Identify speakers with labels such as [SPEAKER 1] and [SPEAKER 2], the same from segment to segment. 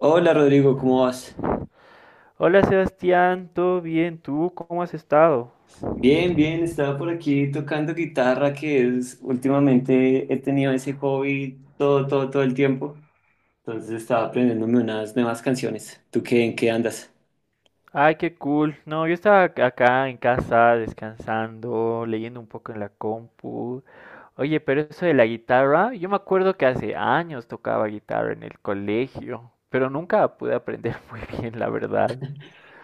[SPEAKER 1] Hola Rodrigo, ¿cómo vas?
[SPEAKER 2] Hola Sebastián, ¿todo bien? ¿Tú cómo has estado?
[SPEAKER 1] Bien, bien, estaba por aquí tocando guitarra, que es últimamente he tenido ese hobby todo, todo, todo el tiempo. Entonces estaba aprendiéndome unas nuevas canciones. ¿Tú qué, en qué andas?
[SPEAKER 2] Ay, qué cool. No, yo estaba acá en casa descansando, leyendo un poco en la compu. Oye, pero eso de la guitarra, yo me acuerdo que hace años tocaba guitarra en el colegio, pero nunca pude aprender muy bien, la verdad.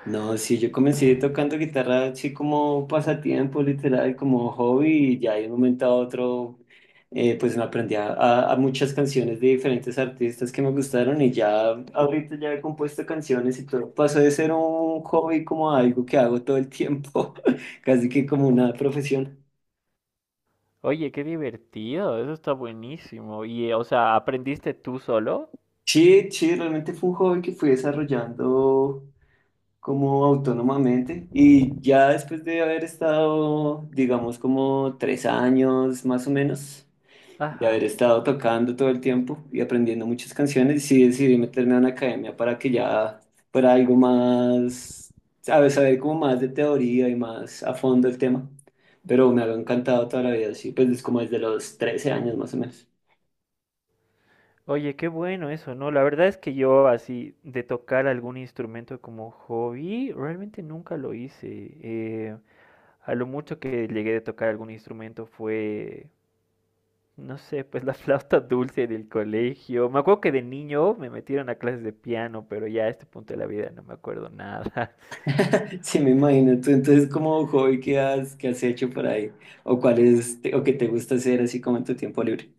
[SPEAKER 1] No, sí, yo comencé tocando guitarra así como pasatiempo, literal, como hobby, y ya de un momento a otro, pues me aprendí a muchas canciones de diferentes artistas que me gustaron y ya ahorita ya he compuesto canciones y todo. Pasó de ser un hobby como a algo que hago todo el tiempo, casi que como una profesión.
[SPEAKER 2] Oye, qué divertido, eso está buenísimo. Y, o sea, ¿aprendiste tú solo?
[SPEAKER 1] Sí, sí, realmente fue un hobby que fui desarrollando, como autónomamente, y ya después de haber estado, digamos, como 3 años más o menos, de haber
[SPEAKER 2] Ajá.
[SPEAKER 1] estado tocando todo el tiempo y aprendiendo muchas canciones, sí decidí meterme a una academia para que ya fuera algo más, sabes, saber como más de teoría y más a fondo el tema. Pero me ha encantado toda la vida, sí, pues es como desde los 13 años más o menos.
[SPEAKER 2] Oye, qué bueno eso, ¿no? La verdad es que yo, así de tocar algún instrumento como hobby, realmente nunca lo hice. A lo mucho que llegué de tocar algún instrumento fue, no sé, pues la flauta dulce del colegio. Me acuerdo que de niño me metieron a clases de piano, pero ya a este punto de la vida no me acuerdo nada.
[SPEAKER 1] Sí, me imagino. Tú, entonces, como hobby, qué has hecho por ahí? ¿O cuál es, te- o qué te gusta hacer así como en tu tiempo libre?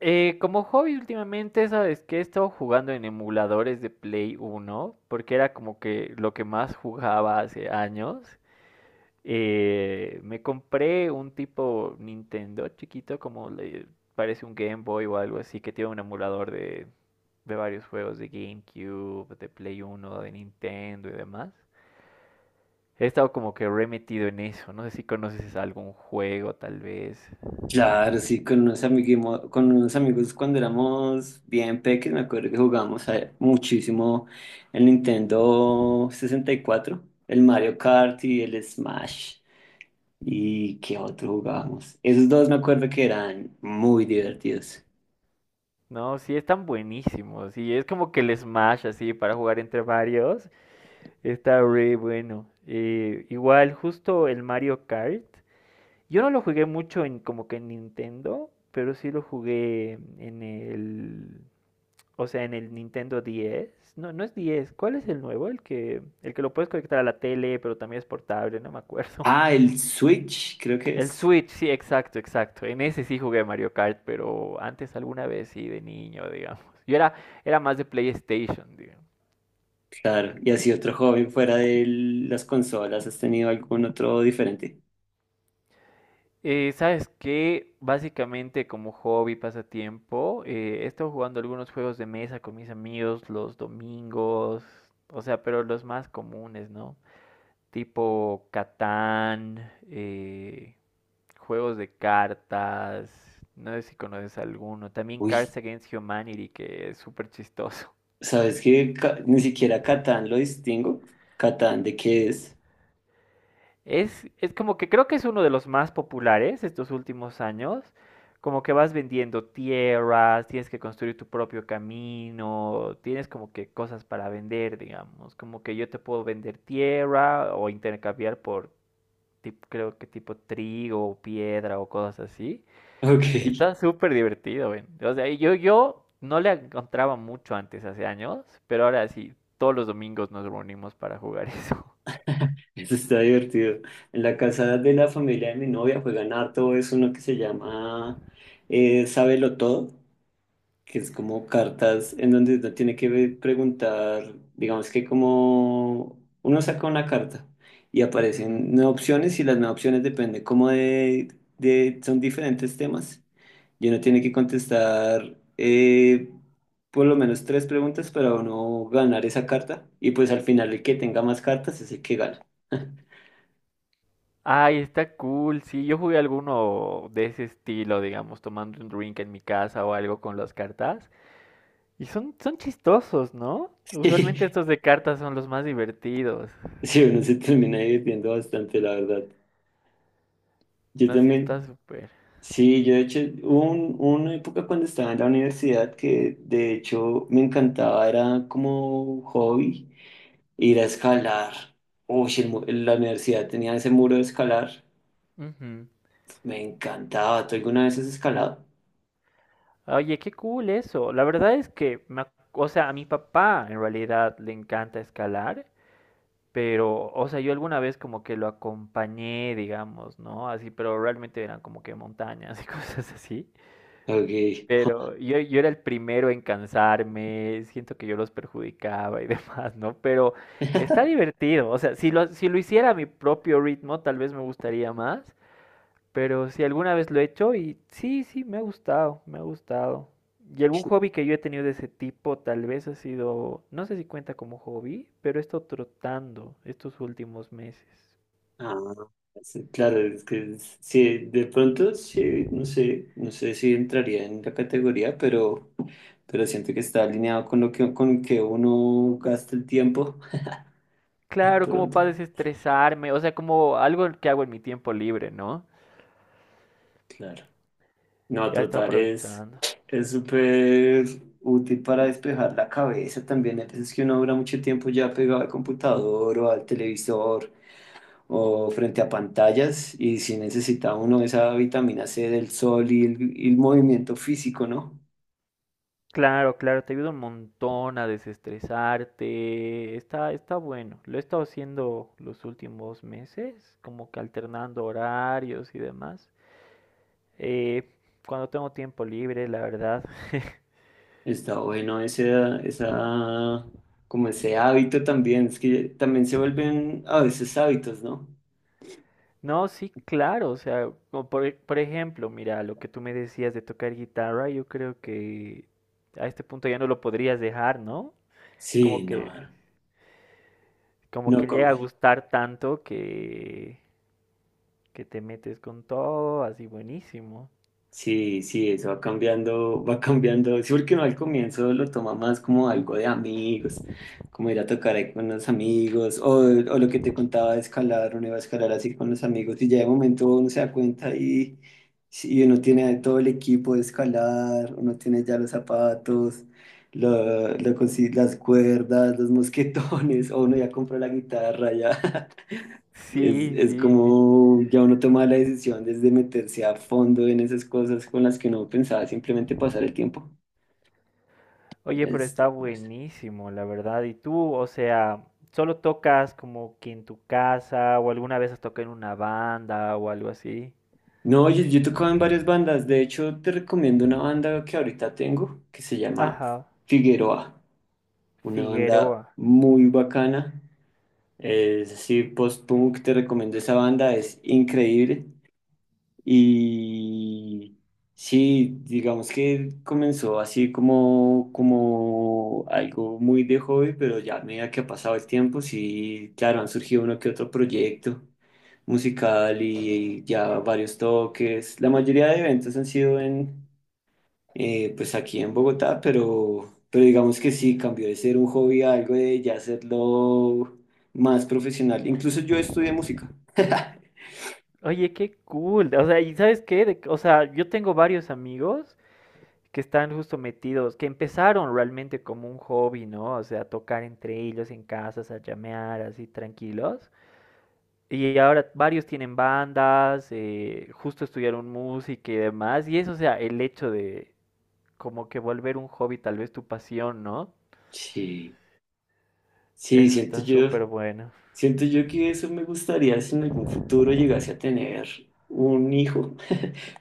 [SPEAKER 2] Como hobby últimamente, ¿sabes qué? He estado jugando en emuladores de Play Uno, porque era como que lo que más jugaba hace años. Me compré un tipo Nintendo chiquito, como le parece un Game Boy o algo así, que tiene un emulador de, varios juegos de GameCube, de Play Uno, de Nintendo y demás. He estado como que re metido en eso. No sé si conoces algún juego, tal vez.
[SPEAKER 1] Claro, sí, con unos amiguimo- con unos amigos cuando éramos bien pequeños, me acuerdo que jugábamos a- muchísimo el Nintendo 64, el Mario Kart y el Smash. ¿Y qué otro jugábamos? Esos dos me acuerdo que eran muy divertidos.
[SPEAKER 2] No, sí, están buenísimos. Y es como que el Smash, así, para jugar entre varios. Está re bueno. Igual, justo el Mario Kart. Yo no lo jugué mucho en, como que en Nintendo, pero sí lo jugué en o sea, en el Nintendo 10. No, no es 10. ¿Cuál es el nuevo? El que lo puedes conectar a la tele, pero también es portable, no me acuerdo.
[SPEAKER 1] Ah, el Switch, creo que
[SPEAKER 2] El
[SPEAKER 1] es.
[SPEAKER 2] Switch, sí, exacto, exacto. En ese sí jugué Mario Kart, pero antes alguna vez sí, de niño, digamos. Yo era, era más de PlayStation, digamos.
[SPEAKER 1] Claro, y así otro joven fuera de las consolas, ¿has tenido algún otro diferente?
[SPEAKER 2] ¿Sabes qué? Básicamente como hobby, pasatiempo, he estado jugando algunos juegos de mesa con mis amigos los domingos, o sea, pero los más comunes, ¿no? Tipo Catán, juegos de cartas, no sé si conoces alguno. También
[SPEAKER 1] Uy,
[SPEAKER 2] Cards Against Humanity, que es súper chistoso.
[SPEAKER 1] ¿sabes qué? Ca- ni siquiera Catán lo distingo. ¿Catán de qué es?
[SPEAKER 2] Es como que creo que es uno de los más populares estos últimos años. Como que vas vendiendo tierras, tienes que construir tu propio camino, tienes como que cosas para vender, digamos. Como que yo te puedo vender tierra o intercambiar por, creo que tipo trigo o piedra o cosas así.
[SPEAKER 1] Ok.
[SPEAKER 2] Está súper divertido, ven. O sea, yo no le encontraba mucho antes, hace años, pero ahora sí, todos los domingos nos reunimos para jugar eso.
[SPEAKER 1] Eso está divertido. En la casa de la familia de mi novia juegan harto, es uno que se llama Sábelo Todo, que es como cartas en donde uno tiene que ve- preguntar. Digamos que como uno saca una carta y
[SPEAKER 2] Ujú.
[SPEAKER 1] aparecen 9 opciones, y las 9 opciones dependen como de son diferentes temas, y uno tiene que contestar, por lo menos 3 preguntas para uno ganar esa carta, y pues al final el que tenga más cartas es el que gana.
[SPEAKER 2] Ay, está cool. Sí, yo jugué alguno de ese estilo, digamos, tomando un drink en mi casa o algo con las cartas. Y son chistosos, ¿no? Usualmente estos de cartas son los más divertidos.
[SPEAKER 1] Sí, uno se termina divirtiendo bastante, la verdad. Yo
[SPEAKER 2] No, sí, está
[SPEAKER 1] también.
[SPEAKER 2] súper.
[SPEAKER 1] Sí, yo de hecho, hubo una época cuando estaba en la universidad que de hecho me encantaba, era como hobby, ir a escalar. Uy, el mu- la universidad tenía ese muro de escalar,
[SPEAKER 2] Ujú.
[SPEAKER 1] me encantaba. ¿Tú alguna vez has escalado?
[SPEAKER 2] Oye, qué cool eso. La verdad es que, o sea, a mi papá en realidad le encanta escalar, pero, o sea, yo alguna vez como que lo acompañé, digamos, ¿no? Así, pero realmente eran como que montañas y cosas así.
[SPEAKER 1] Ok.
[SPEAKER 2] Pero yo era el primero en cansarme, siento que yo los perjudicaba y demás, ¿no? Pero está divertido, o sea, si lo hiciera a mi propio ritmo, tal vez me gustaría más, pero si alguna vez lo he hecho y sí, sí, me ha gustado, me ha gustado. Y algún hobby que yo he tenido de ese tipo, tal vez ha sido, no sé si cuenta como hobby, pero he estado trotando estos últimos meses.
[SPEAKER 1] Ah, sí, claro, es que es- sí, de pronto sí, no sé, no sé si entraría en la categoría, pero siento que está alineado con lo que, con que uno gasta el tiempo. De
[SPEAKER 2] Claro, como
[SPEAKER 1] pronto,
[SPEAKER 2] para desestresarme, o sea, como algo que hago en mi tiempo libre, ¿no?
[SPEAKER 1] claro. No,
[SPEAKER 2] Ya estaba
[SPEAKER 1] trotar
[SPEAKER 2] aprovechando.
[SPEAKER 1] es súper útil para despejar la cabeza también. Hay veces que uno dura mucho tiempo ya pegado al computador o al televisor o frente a pantallas y si necesita uno esa vitamina C del sol y el movimiento físico, ¿no?
[SPEAKER 2] Claro, claro, te ayuda un montón a desestresarte. Está bueno. Lo he estado haciendo los últimos meses, como que alternando horarios y demás. Eh, cuando tengo tiempo libre, la verdad.
[SPEAKER 1] Está bueno ese, esa, como ese hábito también. Es que también se vuelven a veces hábitos, ¿no?
[SPEAKER 2] No, sí, claro. O sea, por ejemplo, mira, lo que tú me decías de tocar guitarra, yo creo que a este punto ya no lo podrías dejar, ¿no?
[SPEAKER 1] Sí,
[SPEAKER 2] Como
[SPEAKER 1] no,
[SPEAKER 2] que, como
[SPEAKER 1] no
[SPEAKER 2] que llega
[SPEAKER 1] come.
[SPEAKER 2] a gustar tanto que te metes con todo, así buenísimo.
[SPEAKER 1] Sí, sí, eso va cambiando, va cambiando. Sí, porque uno al comienzo lo toma más como algo de amigos, como ir a tocar ahí con los amigos, o lo que te contaba de escalar, uno iba a escalar así con los amigos, y ya de momento uno se da cuenta y uno tiene todo el equipo de escalar, uno tiene ya los zapatos, lo, lo consi- las cuerdas, los mosquetones, o uno ya compra la guitarra, ya.
[SPEAKER 2] Sí,
[SPEAKER 1] Es
[SPEAKER 2] sí.
[SPEAKER 1] como ya uno toma la decisión desde meterse a fondo en esas cosas con las que uno pensaba simplemente pasar el tiempo.
[SPEAKER 2] Oye, pero
[SPEAKER 1] Es-
[SPEAKER 2] está buenísimo, la verdad. ¿Y tú, o sea, solo tocas como que en tu casa o alguna vez has tocado en una banda o algo así?
[SPEAKER 1] No, yo he tocado en varias bandas. De hecho, te recomiendo una banda que ahorita tengo que se llama
[SPEAKER 2] Ajá,
[SPEAKER 1] Figueroa. Una banda
[SPEAKER 2] Figueroa.
[SPEAKER 1] muy bacana. Es así, post-punk. Te recomiendo esa banda. Es increíble. Y sí, digamos que comenzó así como, como algo muy de hobby, pero ya a medida que ha pasado el tiempo, sí, claro, han surgido uno que otro proyecto musical y ya varios toques. La mayoría de eventos han sido en, pues aquí en Bogotá, pero digamos que sí, cambió de ser un hobby a algo de ya hacerlo más profesional. Incluso yo estudié música.
[SPEAKER 2] Oye, qué cool. O sea, ¿y sabes qué? O sea, yo tengo varios amigos que están justo metidos, que empezaron realmente como un hobby, ¿no? O sea, tocar entre ellos en casas, a llamear así tranquilos. Y ahora varios tienen bandas, justo estudiaron música y demás. Y eso, o sea, el hecho de como que volver un hobby, tal vez tu pasión, ¿no?
[SPEAKER 1] Sí, sí,
[SPEAKER 2] Eso
[SPEAKER 1] siento
[SPEAKER 2] está
[SPEAKER 1] yo.
[SPEAKER 2] súper bueno.
[SPEAKER 1] Siento yo que eso me gustaría si en algún futuro llegase a tener un hijo,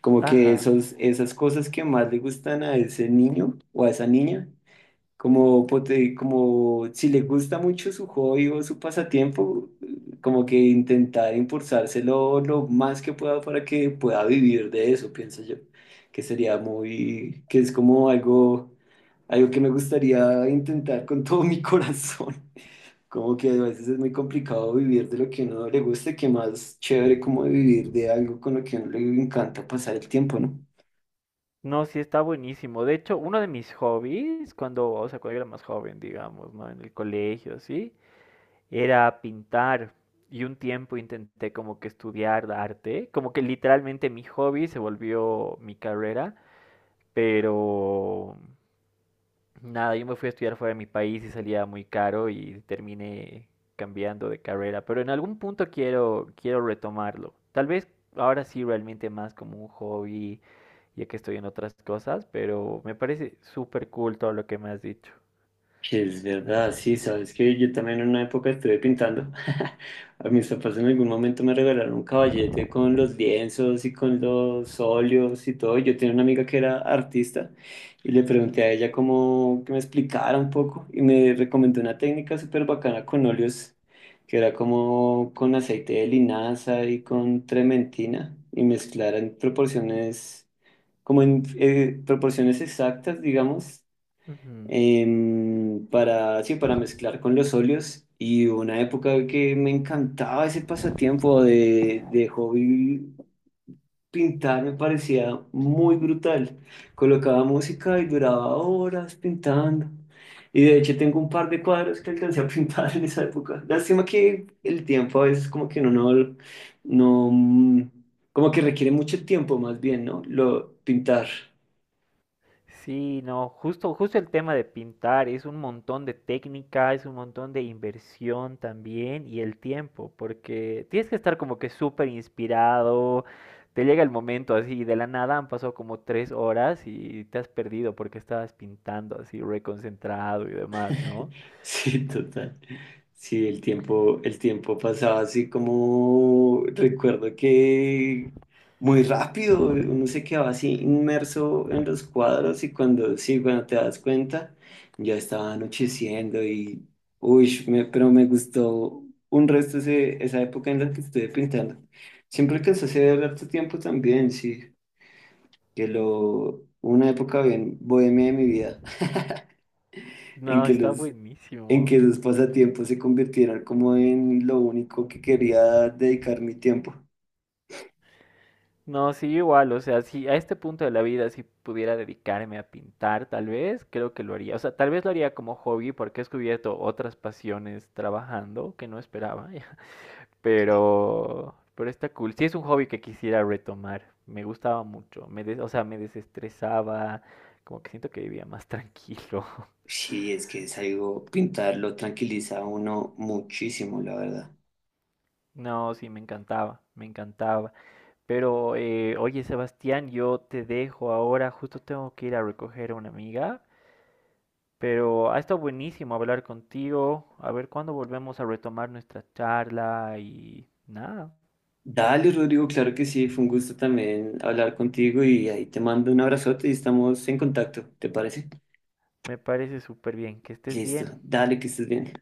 [SPEAKER 1] como que
[SPEAKER 2] Ajá.
[SPEAKER 1] esos, esas cosas que más le gustan a ese niño o a esa niña, como, pote- como si le gusta mucho su hobby o su pasatiempo, como que intentar impulsárselo lo más que pueda para que pueda vivir de eso, pienso yo, que sería muy, que es como algo, algo que me gustaría intentar con todo mi corazón. Como que a veces es muy complicado vivir de lo que a uno le gusta, que más chévere como vivir de algo con lo que a uno le encanta pasar el tiempo, ¿no?
[SPEAKER 2] No, sí, está buenísimo. De hecho, uno de mis hobbies, cuando, o sea, cuando yo era más joven, digamos, ¿no? En el colegio, así, era pintar. Y un tiempo intenté como que estudiar arte, como que literalmente mi hobby se volvió mi carrera, pero nada, yo me fui a estudiar fuera de mi país y salía muy caro y terminé cambiando de carrera, pero en algún punto quiero retomarlo. Tal vez ahora sí realmente más como un hobby, ya que estoy en otras cosas, pero me parece súper cool todo lo que me has dicho.
[SPEAKER 1] Es verdad, sí, sabes que yo también en una época estuve pintando. A mis papás en algún momento me regalaron un caballete con los lienzos y con los óleos y todo. Yo tenía una amiga que era artista y le pregunté a ella cómo que me explicara un poco, y me recomendó una técnica súper bacana con óleos que era como con aceite de linaza y con trementina y mezclar en proporciones, como en proporciones exactas, digamos,
[SPEAKER 2] Ujú.
[SPEAKER 1] para, sí, para mezclar con los óleos. Y hubo una época que me encantaba ese pasatiempo de hobby pintar, me parecía muy brutal. Colocaba música y duraba horas pintando. Y de hecho tengo un par de cuadros que alcancé a pintar en esa época. Lástima que el tiempo a veces como que uno no, no, mm, como que requiere mucho tiempo más bien, ¿no? Lo pintar.
[SPEAKER 2] Sí, no, justo el tema de pintar es un montón de técnica, es un montón de inversión también y el tiempo, porque tienes que estar como que súper inspirado, te llega el momento así, de la nada han pasado como 3 horas y te has perdido porque estabas pintando así, reconcentrado y demás, ¿no?
[SPEAKER 1] Sí, total. Sí, el tiempo pasaba así como recuerdo que muy rápido, uno se quedaba así inmerso en los cuadros y cuando sí, cuando te das cuenta, ya estaba anocheciendo y uy, me- pero me gustó un resto ese- esa época en la que estuve pintando. Siempre alcancé a hacer harto tiempo también, sí, que lo una época bien bohemia de mi vida en
[SPEAKER 2] No,
[SPEAKER 1] que
[SPEAKER 2] está
[SPEAKER 1] los, en
[SPEAKER 2] buenísimo.
[SPEAKER 1] que sus pasatiempos se convirtieran como en lo único que quería dedicar mi tiempo.
[SPEAKER 2] No, sí, igual, o sea, si a este punto de la vida si pudiera dedicarme a pintar, tal vez, creo que lo haría. O sea, tal vez lo haría como hobby porque he descubierto otras pasiones trabajando que no esperaba, pero está cool. Sí, es un hobby que quisiera retomar. Me gustaba mucho, o sea, me desestresaba, como que siento que vivía más tranquilo.
[SPEAKER 1] Sí, es que es algo, pintarlo tranquiliza a uno muchísimo, la verdad.
[SPEAKER 2] No, sí, me encantaba, me encantaba. Pero, oye, Sebastián, yo te dejo ahora, justo tengo que ir a recoger a una amiga, pero ha estado buenísimo hablar contigo. A ver cuándo volvemos a retomar nuestra charla y nada,
[SPEAKER 1] Dale, Rodrigo, claro que sí, fue un gusto también hablar contigo y ahí te mando un abrazote y estamos en contacto, ¿te parece?
[SPEAKER 2] me parece súper bien. Que estés
[SPEAKER 1] Listo,
[SPEAKER 2] bien.
[SPEAKER 1] dale, que estés bien.